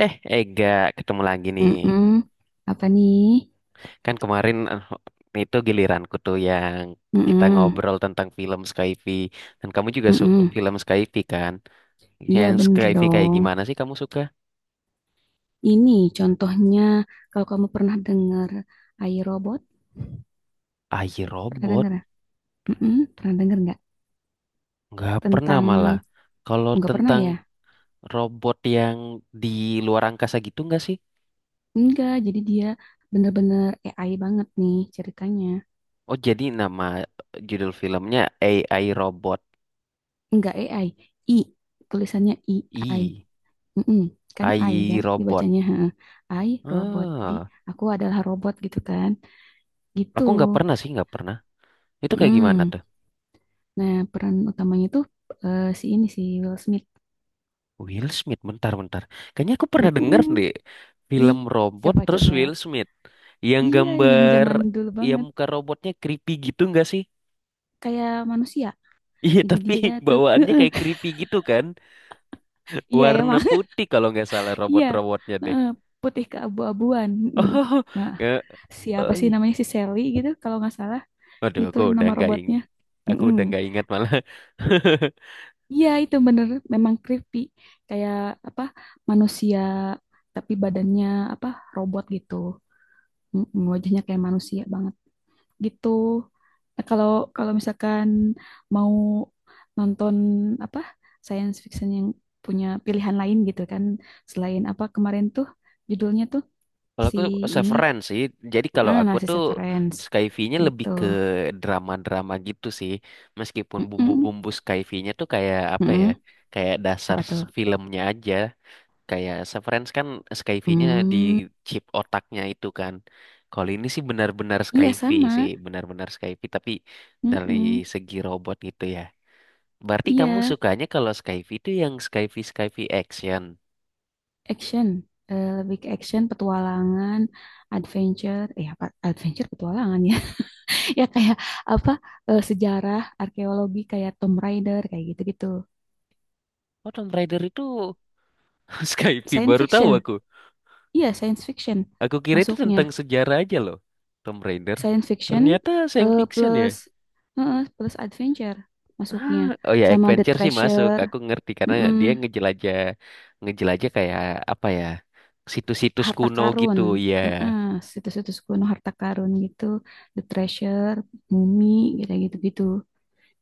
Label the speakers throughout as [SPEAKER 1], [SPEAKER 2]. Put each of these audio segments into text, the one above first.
[SPEAKER 1] Eh, Ega, ketemu lagi nih.
[SPEAKER 2] Mm-mm. Apa nih?
[SPEAKER 1] Kan kemarin itu giliranku tuh yang kita
[SPEAKER 2] Mm-mm.
[SPEAKER 1] ngobrol tentang film Skyfi. Dan kamu juga
[SPEAKER 2] Mm-mm.
[SPEAKER 1] film Skyfi kan?
[SPEAKER 2] Iya
[SPEAKER 1] Yang
[SPEAKER 2] bener
[SPEAKER 1] Skyfi kayak
[SPEAKER 2] dong.
[SPEAKER 1] gimana sih kamu suka?
[SPEAKER 2] Ini contohnya, kalau kamu pernah dengar iRobot,
[SPEAKER 1] AI
[SPEAKER 2] pernah
[SPEAKER 1] Robot?
[SPEAKER 2] dengar? Mm-mm. Pernah dengar nggak?
[SPEAKER 1] Nggak pernah
[SPEAKER 2] Tentang
[SPEAKER 1] malah. Kalau
[SPEAKER 2] oh, nggak pernah
[SPEAKER 1] tentang
[SPEAKER 2] ya?
[SPEAKER 1] robot yang di luar angkasa gitu nggak sih?
[SPEAKER 2] Enggak. Jadi dia bener-bener AI banget nih ceritanya.
[SPEAKER 1] Oh, jadi nama judul filmnya AI Robot.
[SPEAKER 2] Enggak AI, I, tulisannya I.
[SPEAKER 1] I,
[SPEAKER 2] Mm-mm. Kan I
[SPEAKER 1] AI
[SPEAKER 2] kan
[SPEAKER 1] Robot.
[SPEAKER 2] dibacanya heeh. I robot. Jadi
[SPEAKER 1] Ah,
[SPEAKER 2] aku adalah robot gitu kan? Gitu.
[SPEAKER 1] aku nggak pernah sih, nggak pernah. Itu kayak gimana
[SPEAKER 2] Mm.
[SPEAKER 1] tuh?
[SPEAKER 2] Nah, peran utamanya tuh si ini si Will Smith.
[SPEAKER 1] Will Smith, bentar, bentar. Kayaknya aku pernah denger
[SPEAKER 2] Mm-mm.
[SPEAKER 1] deh
[SPEAKER 2] Ih,
[SPEAKER 1] film robot terus
[SPEAKER 2] coba-coba.
[SPEAKER 1] Will Smith. Yang
[SPEAKER 2] Iya, yang
[SPEAKER 1] gambar,
[SPEAKER 2] zaman dulu
[SPEAKER 1] ya
[SPEAKER 2] banget.
[SPEAKER 1] muka robotnya creepy gitu nggak sih?
[SPEAKER 2] Kayak manusia.
[SPEAKER 1] Iya,
[SPEAKER 2] Jadi
[SPEAKER 1] tapi
[SPEAKER 2] dia tuh.
[SPEAKER 1] bawaannya kayak creepy gitu kan.
[SPEAKER 2] Iya
[SPEAKER 1] Warna
[SPEAKER 2] emang.
[SPEAKER 1] putih kalau nggak salah
[SPEAKER 2] Iya.
[SPEAKER 1] robot-robotnya deh.
[SPEAKER 2] Heeh, putih keabu-abuan. Mm-mm.
[SPEAKER 1] Oh,
[SPEAKER 2] Nah,
[SPEAKER 1] nggak.
[SPEAKER 2] siapa
[SPEAKER 1] Oh,
[SPEAKER 2] sih
[SPEAKER 1] iya.
[SPEAKER 2] namanya si Sally gitu kalau nggak salah,
[SPEAKER 1] Waduh,
[SPEAKER 2] gitu nama robotnya.
[SPEAKER 1] aku
[SPEAKER 2] Mm-mm.
[SPEAKER 1] udah nggak ingat malah.
[SPEAKER 2] Iya, itu bener memang creepy. Kayak apa? Manusia tapi badannya apa? Robot gitu. Mm-mm, wajahnya kayak manusia banget. Gitu. Nah, kalau kalau misalkan mau nonton apa science fiction yang punya pilihan lain gitu kan, selain apa kemarin tuh judulnya tuh
[SPEAKER 1] Kalau
[SPEAKER 2] si
[SPEAKER 1] aku
[SPEAKER 2] ini.
[SPEAKER 1] Severance sih. Jadi kalau
[SPEAKER 2] Heeh,
[SPEAKER 1] aku
[SPEAKER 2] nah si
[SPEAKER 1] tuh
[SPEAKER 2] Severance
[SPEAKER 1] Skyfi-nya lebih
[SPEAKER 2] gitu.
[SPEAKER 1] ke drama-drama gitu sih. Meskipun
[SPEAKER 2] Mm-mm,
[SPEAKER 1] bumbu-bumbu Skyfi-nya tuh kayak apa ya?
[SPEAKER 2] mm-mm.
[SPEAKER 1] Kayak dasar
[SPEAKER 2] Apa tuh?
[SPEAKER 1] filmnya aja. Kayak Severance kan Skyfi-nya di
[SPEAKER 2] Hmm,
[SPEAKER 1] chip otaknya itu kan. Kalau ini
[SPEAKER 2] iya sama.
[SPEAKER 1] Sih, benar-benar Skyfi tapi dari
[SPEAKER 2] Mm-mm,
[SPEAKER 1] segi robot gitu ya. Berarti
[SPEAKER 2] iya,
[SPEAKER 1] kamu sukanya kalau Skyfi itu yang Skyfi Skyfi action.
[SPEAKER 2] action. Lebih ke action, petualangan, adventure. Eh, apa? Adventure, petualangan ya. Ya kayak apa sejarah arkeologi kayak Tomb Raider kayak gitu-gitu
[SPEAKER 1] Oh, Tomb Raider itu Skyfi
[SPEAKER 2] science
[SPEAKER 1] baru tahu
[SPEAKER 2] fiction,
[SPEAKER 1] aku.
[SPEAKER 2] iya science fiction
[SPEAKER 1] Aku kira itu
[SPEAKER 2] masuknya,
[SPEAKER 1] tentang sejarah aja loh, Tomb Raider.
[SPEAKER 2] science fiction
[SPEAKER 1] Ternyata science fiction ya.
[SPEAKER 2] plus plus adventure
[SPEAKER 1] Ah,
[SPEAKER 2] masuknya,
[SPEAKER 1] oh ya,
[SPEAKER 2] sama The
[SPEAKER 1] adventure sih masuk.
[SPEAKER 2] Treasure,
[SPEAKER 1] Aku ngerti karena dia
[SPEAKER 2] mm-mm,
[SPEAKER 1] ngejelajah kayak apa ya, situs-situs
[SPEAKER 2] harta
[SPEAKER 1] kuno gitu
[SPEAKER 2] karun.
[SPEAKER 1] ya.
[SPEAKER 2] Heeh, situs-situs kuno harta karun gitu, The Treasure, mumi gitu-gitu gitu.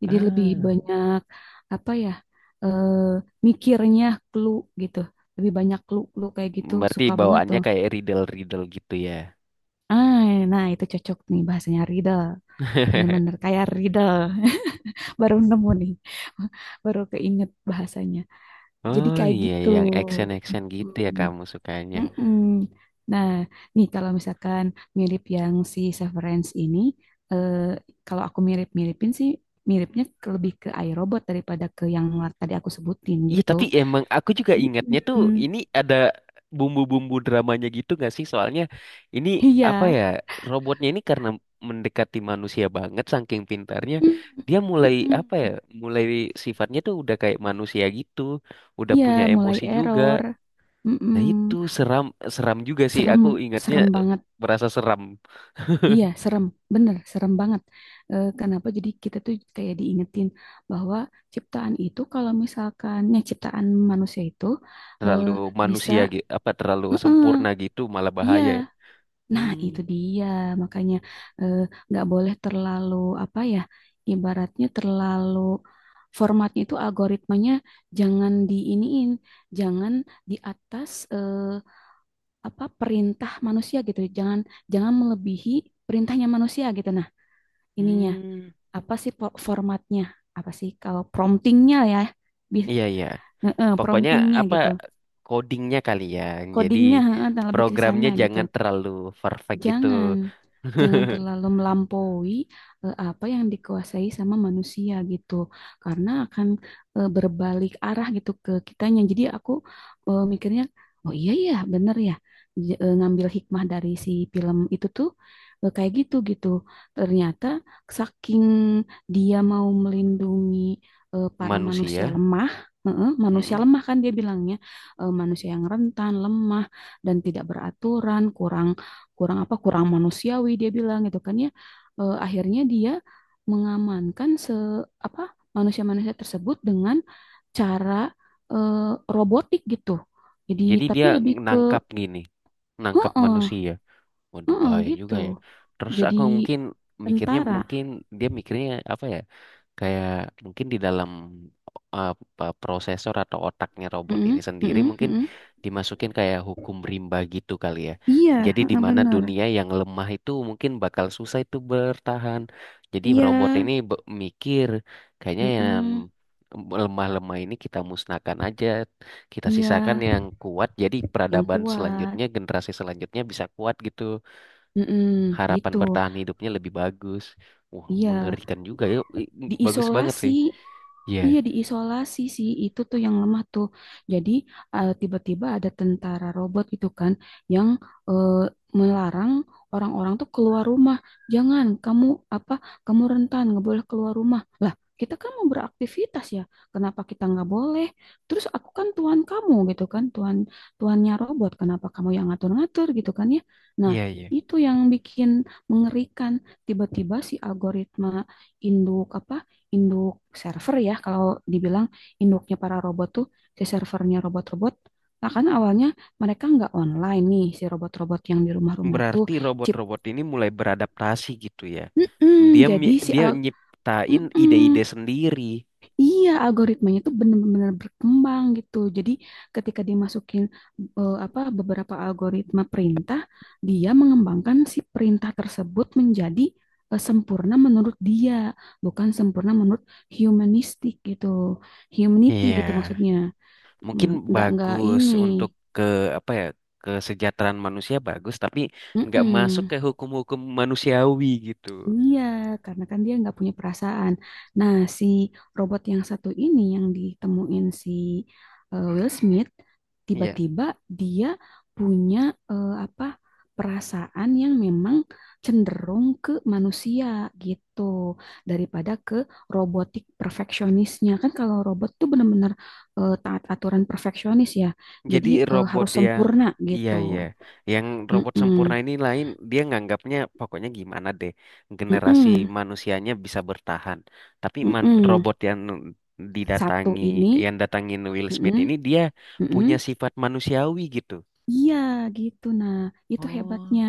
[SPEAKER 2] Jadi lebih
[SPEAKER 1] Ah,
[SPEAKER 2] banyak apa ya, eh, mikirnya clue gitu. Lebih banyak clue-clue kayak gitu
[SPEAKER 1] berarti
[SPEAKER 2] suka banget
[SPEAKER 1] bawaannya
[SPEAKER 2] tuh.
[SPEAKER 1] kayak riddle-riddle gitu ya.
[SPEAKER 2] Ah, nah itu cocok nih bahasanya riddle. Bener-bener kayak riddle. Baru nemu nih. Baru keinget bahasanya. Jadi
[SPEAKER 1] Oh
[SPEAKER 2] kayak
[SPEAKER 1] iya,
[SPEAKER 2] gitu.
[SPEAKER 1] yang action-action gitu ya
[SPEAKER 2] Mm.
[SPEAKER 1] kamu sukanya.
[SPEAKER 2] Mm-mm. Nah, nih kalau misalkan mirip yang si Severance ini, eh, kalau aku mirip-miripin sih, miripnya lebih ke iRobot daripada ke yang tadi aku sebutin
[SPEAKER 1] Iya
[SPEAKER 2] gitu.
[SPEAKER 1] tapi emang aku juga ingatnya tuh
[SPEAKER 2] Mm-mm.
[SPEAKER 1] ini ada bumbu-bumbu dramanya gitu gak sih? Soalnya ini
[SPEAKER 2] Iya,
[SPEAKER 1] apa ya robotnya ini karena mendekati manusia banget saking pintarnya
[SPEAKER 2] mm-mm.
[SPEAKER 1] dia mulai
[SPEAKER 2] Mm-mm.
[SPEAKER 1] apa ya mulai sifatnya tuh udah kayak manusia gitu udah
[SPEAKER 2] Iya,
[SPEAKER 1] punya
[SPEAKER 2] mulai
[SPEAKER 1] emosi juga.
[SPEAKER 2] error. Mm-mm.
[SPEAKER 1] Nah itu seram seram juga sih
[SPEAKER 2] Serem,
[SPEAKER 1] aku ingatnya
[SPEAKER 2] serem banget.
[SPEAKER 1] merasa seram
[SPEAKER 2] Iya, serem, bener, serem banget. Eh, kenapa? Jadi kita tuh kayak diingetin bahwa ciptaan itu, kalau misalkannya ciptaan manusia itu eh,
[SPEAKER 1] terlalu
[SPEAKER 2] bisa.
[SPEAKER 1] manusia gitu apa terlalu
[SPEAKER 2] Heeh,
[SPEAKER 1] sempurna gitu malah
[SPEAKER 2] iya,
[SPEAKER 1] bahaya ya.
[SPEAKER 2] nah
[SPEAKER 1] Hmm,
[SPEAKER 2] itu dia. Makanya eh, nggak boleh terlalu apa ya, ibaratnya terlalu formatnya itu algoritmanya jangan diiniin, jangan di atas apa perintah manusia gitu, jangan jangan melebihi perintahnya manusia gitu. Nah, ininya
[SPEAKER 1] hmm,
[SPEAKER 2] apa sih formatnya? Apa sih kalau promptingnya ya?
[SPEAKER 1] iya iya Pokoknya
[SPEAKER 2] Promptingnya
[SPEAKER 1] apa
[SPEAKER 2] gitu.
[SPEAKER 1] codingnya kali ya. Jadi
[SPEAKER 2] Codingnya lebih ke
[SPEAKER 1] programnya
[SPEAKER 2] sana gitu.
[SPEAKER 1] jangan terlalu perfect gitu.
[SPEAKER 2] Jangan, jangan terlalu melampaui apa yang dikuasai sama manusia gitu, karena akan berbalik arah gitu ke kitanya. Jadi aku mikirnya, oh iya ya, bener ya, ngambil hikmah dari si film itu tuh kayak gitu gitu. Ternyata saking dia mau melindungi para manusia
[SPEAKER 1] Manusia.
[SPEAKER 2] lemah. Heeh, manusia
[SPEAKER 1] Mm-mm.
[SPEAKER 2] lemah kan dia bilangnya manusia yang rentan, lemah dan tidak beraturan, kurang kurang apa kurang manusiawi dia bilang gitu kan ya. Eh, akhirnya dia mengamankan se apa manusia-manusia tersebut dengan cara eh, robotik gitu, jadi
[SPEAKER 1] Jadi dia
[SPEAKER 2] tapi lebih ke
[SPEAKER 1] nangkap gini, nangkap
[SPEAKER 2] heeh
[SPEAKER 1] manusia. Waduh
[SPEAKER 2] heeh
[SPEAKER 1] bahaya
[SPEAKER 2] gitu,
[SPEAKER 1] juga ya. Terus
[SPEAKER 2] jadi
[SPEAKER 1] aku mungkin mikirnya
[SPEAKER 2] Tentara.
[SPEAKER 1] mungkin dia mikirnya apa ya? Kayak mungkin di dalam apa, prosesor atau otaknya robot ini
[SPEAKER 2] Heeh
[SPEAKER 1] sendiri
[SPEAKER 2] heeh
[SPEAKER 1] mungkin
[SPEAKER 2] heeh.
[SPEAKER 1] dimasukin kayak hukum rimba gitu kali ya.
[SPEAKER 2] Iya,
[SPEAKER 1] Jadi di
[SPEAKER 2] heeh,
[SPEAKER 1] mana
[SPEAKER 2] bener.
[SPEAKER 1] dunia yang lemah itu mungkin bakal susah itu bertahan. Jadi
[SPEAKER 2] Iya,
[SPEAKER 1] robot ini mikir kayaknya yang
[SPEAKER 2] heeh,
[SPEAKER 1] lemah-lemah ini kita musnahkan aja, kita sisakan
[SPEAKER 2] iya,
[SPEAKER 1] yang kuat. Jadi
[SPEAKER 2] yang
[SPEAKER 1] peradaban
[SPEAKER 2] kuat,
[SPEAKER 1] selanjutnya, generasi selanjutnya bisa kuat gitu.
[SPEAKER 2] heeh
[SPEAKER 1] Harapan
[SPEAKER 2] gitu,
[SPEAKER 1] bertahan hidupnya lebih bagus. Wah,
[SPEAKER 2] iya,
[SPEAKER 1] mengerikan juga ya. Bagus banget sih.
[SPEAKER 2] diisolasi.
[SPEAKER 1] Iya,
[SPEAKER 2] Iya, diisolasi sih. Itu tuh yang lemah tuh. Jadi, tiba-tiba ada tentara robot gitu kan, yang eh, melarang orang-orang tuh keluar rumah. Jangan kamu apa? Kamu rentan, nggak boleh keluar rumah. Lah, kita kan mau beraktivitas ya. Kenapa kita nggak boleh? Terus aku kan tuan kamu gitu kan, tuan tuannya robot. Kenapa kamu yang ngatur-ngatur gitu kan ya? Nah,
[SPEAKER 1] iya, iya.
[SPEAKER 2] itu yang bikin mengerikan. Tiba-tiba si algoritma induk apa, induk server ya kalau dibilang, induknya para robot tuh, si servernya robot-robot. Nah kan awalnya mereka nggak online nih si robot-robot yang di rumah-rumah tuh,
[SPEAKER 1] Berarti
[SPEAKER 2] chip.
[SPEAKER 1] robot-robot ini mulai beradaptasi gitu ya.
[SPEAKER 2] Mm-mm,
[SPEAKER 1] Dia
[SPEAKER 2] jadi
[SPEAKER 1] mi- dia nyiptain
[SPEAKER 2] mm-mm.
[SPEAKER 1] ide-ide sendiri.
[SPEAKER 2] Iya, algoritmanya itu benar-benar berkembang gitu. Jadi ketika dimasukin apa beberapa algoritma perintah, dia mengembangkan si perintah tersebut menjadi sempurna menurut dia, bukan sempurna menurut humanistik gitu, humanity gitu
[SPEAKER 1] Iya,
[SPEAKER 2] maksudnya.
[SPEAKER 1] mungkin
[SPEAKER 2] Mm, nggak
[SPEAKER 1] bagus
[SPEAKER 2] ini.
[SPEAKER 1] untuk ke apa ya kesejahteraan manusia bagus, tapi nggak masuk
[SPEAKER 2] Mm-mm.
[SPEAKER 1] ke hukum-hukum manusiawi gitu.
[SPEAKER 2] Iya, karena kan dia nggak punya perasaan. Nah, si robot yang satu ini yang ditemuin si Will Smith,
[SPEAKER 1] Iya.
[SPEAKER 2] tiba-tiba dia punya eh, apa perasaan yang memang cenderung ke manusia gitu daripada ke robotik perfeksionisnya. Kan kalau robot tuh bener-bener taat aturan perfeksionis ya,
[SPEAKER 1] Jadi
[SPEAKER 2] jadi
[SPEAKER 1] robot
[SPEAKER 2] harus
[SPEAKER 1] yang
[SPEAKER 2] sempurna
[SPEAKER 1] iya
[SPEAKER 2] gitu.
[SPEAKER 1] iya, yang robot sempurna
[SPEAKER 2] Mm-mm.
[SPEAKER 1] ini lain dia nganggapnya pokoknya gimana deh generasi
[SPEAKER 2] Mm-mm.
[SPEAKER 1] manusianya bisa bertahan. Tapi
[SPEAKER 2] Mm-mm.
[SPEAKER 1] robot yang
[SPEAKER 2] Satu
[SPEAKER 1] didatangi
[SPEAKER 2] ini.
[SPEAKER 1] yang datangin Will Smith
[SPEAKER 2] Mm-mm,
[SPEAKER 1] ini dia
[SPEAKER 2] mm-mm.
[SPEAKER 1] punya sifat manusiawi gitu.
[SPEAKER 2] Iya gitu. Nah, itu
[SPEAKER 1] Oh,
[SPEAKER 2] hebatnya.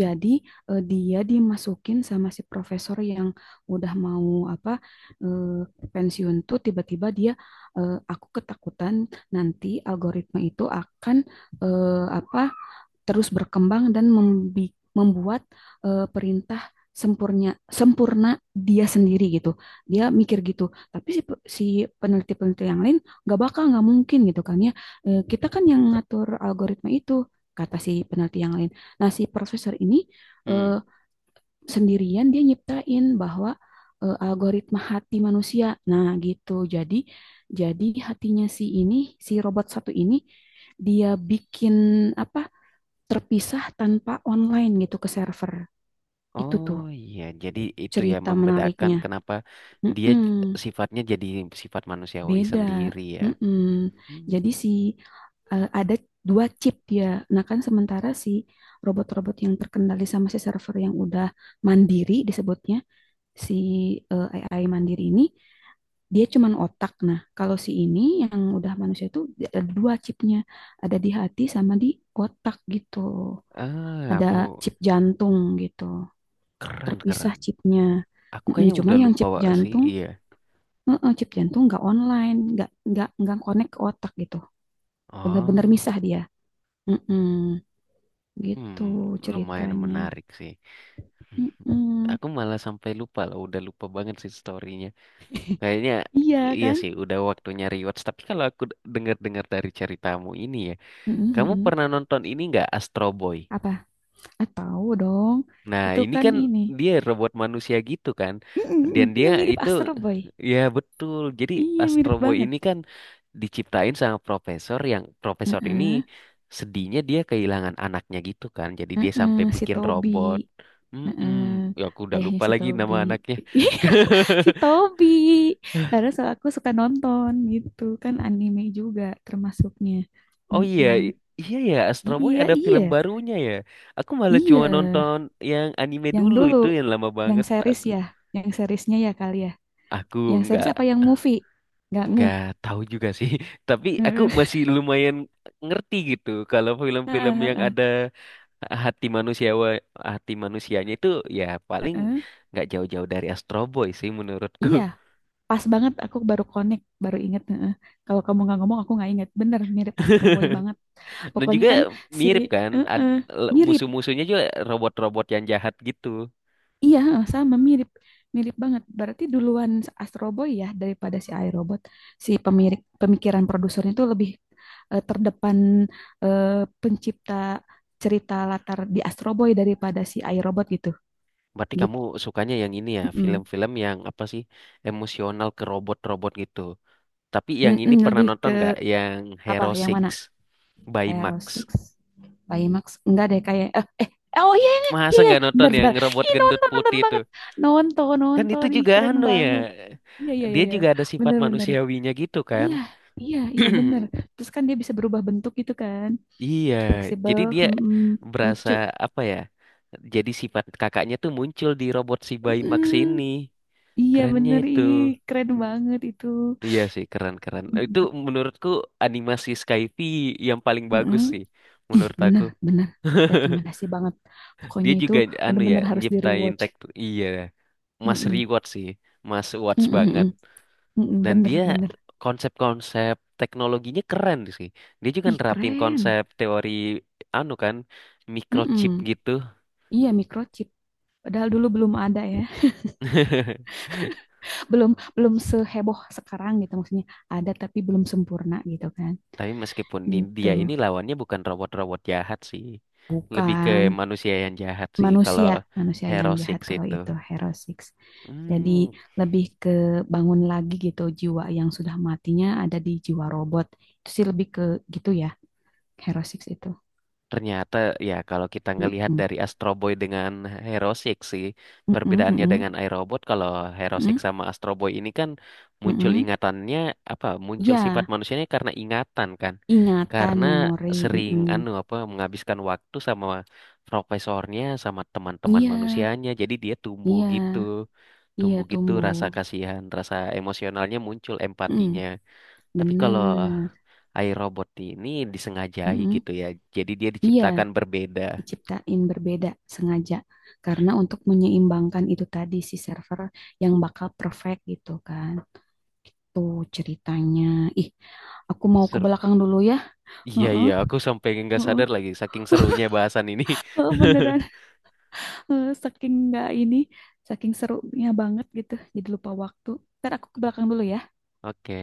[SPEAKER 2] Jadi dia dimasukin sama si profesor yang udah mau apa eh, pensiun tuh, tiba-tiba dia aku ketakutan nanti algoritma itu akan eh, apa terus berkembang dan membuat perintah sempurna sempurna dia sendiri gitu. Dia mikir gitu. Tapi si, si peneliti-peneliti yang lain nggak bakal nggak mungkin gitu kan ya, kita kan yang ngatur algoritma itu, kata si peneliti yang lain. Nah, si profesor ini
[SPEAKER 1] hmm.
[SPEAKER 2] eh, sendirian dia nyiptain bahwa algoritma hati manusia. Nah, gitu. Jadi hatinya si ini, si robot satu ini, dia bikin apa? Terpisah tanpa online gitu ke server. Itu
[SPEAKER 1] Oh
[SPEAKER 2] tuh
[SPEAKER 1] iya, jadi itu ya
[SPEAKER 2] cerita
[SPEAKER 1] membedakan
[SPEAKER 2] menariknya.
[SPEAKER 1] kenapa dia
[SPEAKER 2] Mm-mm.
[SPEAKER 1] sifatnya jadi sifat manusiawi
[SPEAKER 2] Beda.
[SPEAKER 1] sendiri ya.
[SPEAKER 2] Mm-mm.
[SPEAKER 1] Hmm.
[SPEAKER 2] Jadi si ada dua chip dia. Nah kan sementara si robot-robot yang terkendali sama si server yang udah mandiri disebutnya si eh, AI mandiri ini dia cuman otak. Nah kalau si ini yang udah manusia itu dia ada dua chipnya, ada di hati sama di otak gitu.
[SPEAKER 1] Ah,
[SPEAKER 2] Ada
[SPEAKER 1] aku
[SPEAKER 2] chip jantung gitu,
[SPEAKER 1] keren keren.
[SPEAKER 2] terpisah chipnya.
[SPEAKER 1] Aku
[SPEAKER 2] Mm-mm.
[SPEAKER 1] kayaknya
[SPEAKER 2] Cuman
[SPEAKER 1] udah
[SPEAKER 2] yang
[SPEAKER 1] lupa
[SPEAKER 2] chip
[SPEAKER 1] Wak, sih,
[SPEAKER 2] jantung,
[SPEAKER 1] iya.
[SPEAKER 2] heeh, chip jantung nggak online, nggak connect ke otak gitu. Bener-bener
[SPEAKER 1] Oh,
[SPEAKER 2] misah dia. Mm-mm, gitu
[SPEAKER 1] hmm, lumayan
[SPEAKER 2] ceritanya.
[SPEAKER 1] menarik sih. Hmm,
[SPEAKER 2] Mm-mm.
[SPEAKER 1] aku malah sampai lupa loh, udah lupa banget sih storynya. Kayaknya
[SPEAKER 2] Iya
[SPEAKER 1] iya
[SPEAKER 2] kan?
[SPEAKER 1] sih, udah waktunya rewatch. Tapi kalau aku dengar-dengar dari ceritamu ini ya, kamu
[SPEAKER 2] Mm-mm.
[SPEAKER 1] pernah nonton ini nggak Astro Boy?
[SPEAKER 2] Apa? Ah, tahu dong.
[SPEAKER 1] Nah,
[SPEAKER 2] Itu
[SPEAKER 1] ini
[SPEAKER 2] kan
[SPEAKER 1] kan
[SPEAKER 2] ini.
[SPEAKER 1] dia robot manusia gitu kan. Dan
[SPEAKER 2] Mm-mm,
[SPEAKER 1] dia
[SPEAKER 2] mirip
[SPEAKER 1] itu
[SPEAKER 2] Astro Boy.
[SPEAKER 1] ya betul. Jadi
[SPEAKER 2] Iya,
[SPEAKER 1] Astro
[SPEAKER 2] mirip
[SPEAKER 1] Boy
[SPEAKER 2] banget.
[SPEAKER 1] ini kan diciptain sama profesor yang profesor ini
[SPEAKER 2] Heeh.
[SPEAKER 1] sedihnya dia kehilangan anaknya gitu kan. Jadi dia
[SPEAKER 2] Heeh,
[SPEAKER 1] sampai
[SPEAKER 2] si
[SPEAKER 1] bikin
[SPEAKER 2] Toby.
[SPEAKER 1] robot. Mm-mm.
[SPEAKER 2] Heeh.
[SPEAKER 1] Ya, aku udah
[SPEAKER 2] Ayahnya
[SPEAKER 1] lupa
[SPEAKER 2] si
[SPEAKER 1] lagi
[SPEAKER 2] Toby.
[SPEAKER 1] nama anaknya.
[SPEAKER 2] Si Toby. Karena aku suka nonton gitu kan anime juga termasuknya.
[SPEAKER 1] Oh iya,
[SPEAKER 2] Mm-mm.
[SPEAKER 1] iya ya Astro Boy
[SPEAKER 2] Iya,
[SPEAKER 1] ada film
[SPEAKER 2] iya,
[SPEAKER 1] barunya ya. Aku malah
[SPEAKER 2] iya.
[SPEAKER 1] cuma nonton yang anime
[SPEAKER 2] Yang
[SPEAKER 1] dulu
[SPEAKER 2] dulu,
[SPEAKER 1] itu yang lama
[SPEAKER 2] yang
[SPEAKER 1] banget
[SPEAKER 2] series
[SPEAKER 1] aku.
[SPEAKER 2] ya, yang seriesnya ya kali ya.
[SPEAKER 1] Aku
[SPEAKER 2] Yang series
[SPEAKER 1] nggak
[SPEAKER 2] apa yang movie? Nggak ngeh.
[SPEAKER 1] nggak tahu juga sih tapi aku
[SPEAKER 2] Heeh.
[SPEAKER 1] masih lumayan ngerti gitu kalau film-film
[SPEAKER 2] Heeh,
[SPEAKER 1] yang
[SPEAKER 2] heeh,
[SPEAKER 1] ada hati manusia hati manusianya itu ya paling
[SPEAKER 2] heeh.
[SPEAKER 1] nggak jauh-jauh dari Astro Boy sih menurutku
[SPEAKER 2] Iya, pas banget aku baru connect, baru inget. Heeh. Kalau kamu nggak ngomong, aku nggak inget. Bener, mirip Astro Boy banget.
[SPEAKER 1] dan
[SPEAKER 2] Pokoknya
[SPEAKER 1] juga
[SPEAKER 2] kan si,
[SPEAKER 1] mirip kan
[SPEAKER 2] heeh, mirip.
[SPEAKER 1] musuh-musuhnya juga robot-robot yang jahat gitu
[SPEAKER 2] Iya, heeh, sama mirip mirip banget. Berarti duluan Astro Boy ya daripada si iRobot. Si pemirik pemikiran produsernya itu lebih terdepan eh, pencipta cerita latar di Astro Boy daripada si iRobot gitu.
[SPEAKER 1] berarti
[SPEAKER 2] Gitu.
[SPEAKER 1] kamu sukanya yang ini ya
[SPEAKER 2] Mm-mm.
[SPEAKER 1] film-film yang apa sih emosional ke robot-robot gitu tapi yang ini
[SPEAKER 2] Mm-mm,
[SPEAKER 1] pernah
[SPEAKER 2] lebih
[SPEAKER 1] nonton
[SPEAKER 2] ke
[SPEAKER 1] nggak yang
[SPEAKER 2] apa
[SPEAKER 1] Hero
[SPEAKER 2] yang
[SPEAKER 1] Six
[SPEAKER 2] mana?
[SPEAKER 1] by
[SPEAKER 2] Hero
[SPEAKER 1] Max.
[SPEAKER 2] Six, Baymax. Enggak deh kayak oh iya iya iya
[SPEAKER 1] Masa
[SPEAKER 2] iya.
[SPEAKER 1] nggak nonton
[SPEAKER 2] Benar
[SPEAKER 1] yang
[SPEAKER 2] benar.
[SPEAKER 1] robot
[SPEAKER 2] Ih
[SPEAKER 1] gendut
[SPEAKER 2] nonton nonton
[SPEAKER 1] putih itu?
[SPEAKER 2] banget. Nonton
[SPEAKER 1] Kan itu
[SPEAKER 2] nonton ih
[SPEAKER 1] juga
[SPEAKER 2] keren
[SPEAKER 1] anu ya.
[SPEAKER 2] banget. Iya iya iya
[SPEAKER 1] Dia
[SPEAKER 2] iya.
[SPEAKER 1] juga ada sifat
[SPEAKER 2] Bener-bener.
[SPEAKER 1] manusiawinya gitu kan.
[SPEAKER 2] Iya, iya, iya bener. Terus kan dia bisa berubah bentuk gitu kan.
[SPEAKER 1] Iya,
[SPEAKER 2] Fleksibel,
[SPEAKER 1] jadi dia
[SPEAKER 2] mm-mm,
[SPEAKER 1] berasa
[SPEAKER 2] lucu.
[SPEAKER 1] apa ya? Jadi sifat kakaknya tuh muncul di robot si Bayi Max ini.
[SPEAKER 2] Mm-mm. Iya
[SPEAKER 1] Kerennya
[SPEAKER 2] bener,
[SPEAKER 1] itu.
[SPEAKER 2] ih keren banget itu.
[SPEAKER 1] Iya sih, keren-keren. Itu
[SPEAKER 2] Mm-mm,
[SPEAKER 1] menurutku animasi Skyfi yang paling
[SPEAKER 2] mm-mm.
[SPEAKER 1] bagus sih
[SPEAKER 2] Ih
[SPEAKER 1] menurut aku.
[SPEAKER 2] bener, bener. Rekomendasi banget.
[SPEAKER 1] Dia
[SPEAKER 2] Pokoknya itu
[SPEAKER 1] juga anu ya
[SPEAKER 2] bener-bener harus
[SPEAKER 1] nyiptain
[SPEAKER 2] di-rewatch.
[SPEAKER 1] teks iya Mas
[SPEAKER 2] Mm-mm.
[SPEAKER 1] Reward sih. Mas Watts
[SPEAKER 2] Mm-mm,
[SPEAKER 1] banget.
[SPEAKER 2] mm-mm. Mm
[SPEAKER 1] Dan dia
[SPEAKER 2] bener, bener.
[SPEAKER 1] konsep-konsep teknologinya keren sih. Dia juga
[SPEAKER 2] Ih
[SPEAKER 1] nerapin
[SPEAKER 2] keren.
[SPEAKER 1] konsep teori anu kan microchip
[SPEAKER 2] Mm-mm.
[SPEAKER 1] gitu.
[SPEAKER 2] Iya microchip. Padahal dulu belum ada ya. Belum belum seheboh sekarang gitu maksudnya. Ada tapi belum sempurna gitu kan.
[SPEAKER 1] Tapi meskipun
[SPEAKER 2] Gitu.
[SPEAKER 1] dia ini lawannya bukan robot-robot jahat sih. Lebih ke
[SPEAKER 2] Bukan
[SPEAKER 1] manusia yang jahat sih kalau
[SPEAKER 2] manusia, manusia yang
[SPEAKER 1] Hero Six
[SPEAKER 2] jahat kalau
[SPEAKER 1] itu.
[SPEAKER 2] itu Hero Six.
[SPEAKER 1] Hmm,
[SPEAKER 2] Jadi lebih ke bangun lagi gitu jiwa yang sudah matinya ada di jiwa robot. Itu sih lebih ke gitu ya, Hero Six itu.
[SPEAKER 1] ternyata ya kalau kita ngelihat
[SPEAKER 2] Mm-mm.
[SPEAKER 1] dari Astro Boy dengan Hero Six sih,
[SPEAKER 2] Mm-mm,
[SPEAKER 1] perbedaannya dengan
[SPEAKER 2] mm-mm,
[SPEAKER 1] iRobot kalau Hero Six
[SPEAKER 2] mm-mm,
[SPEAKER 1] sama Astro Boy ini kan muncul
[SPEAKER 2] mm-mm.
[SPEAKER 1] ingatannya apa muncul
[SPEAKER 2] Iya,
[SPEAKER 1] sifat manusianya karena ingatan kan.
[SPEAKER 2] ingatan,
[SPEAKER 1] Karena
[SPEAKER 2] memori.
[SPEAKER 1] sering
[SPEAKER 2] Mm-mm.
[SPEAKER 1] anu apa menghabiskan waktu sama profesornya sama teman-teman
[SPEAKER 2] Iya,
[SPEAKER 1] manusianya. Jadi dia
[SPEAKER 2] iya, iya
[SPEAKER 1] tumbuh gitu
[SPEAKER 2] tumbuh.
[SPEAKER 1] rasa kasihan, rasa emosionalnya muncul
[SPEAKER 2] Mm,
[SPEAKER 1] empatinya. Tapi kalau
[SPEAKER 2] bener.
[SPEAKER 1] iRobot ini disengajai
[SPEAKER 2] Mm-mm.
[SPEAKER 1] gitu ya. Jadi dia
[SPEAKER 2] Iya,
[SPEAKER 1] diciptakan berbeda.
[SPEAKER 2] diciptain berbeda sengaja karena untuk menyeimbangkan itu tadi si server yang bakal perfect gitu kan, itu ceritanya, ih aku mau ke
[SPEAKER 1] Seru.
[SPEAKER 2] belakang dulu ya.
[SPEAKER 1] Iya,
[SPEAKER 2] Heeh,
[SPEAKER 1] iya. Aku sampai nggak
[SPEAKER 2] heeh,
[SPEAKER 1] sadar lagi saking serunya bahasan ini.
[SPEAKER 2] heeh, beneran. Heeh, saking nggak ini, saking serunya banget gitu jadi lupa waktu, ntar aku ke belakang dulu ya.
[SPEAKER 1] Oke.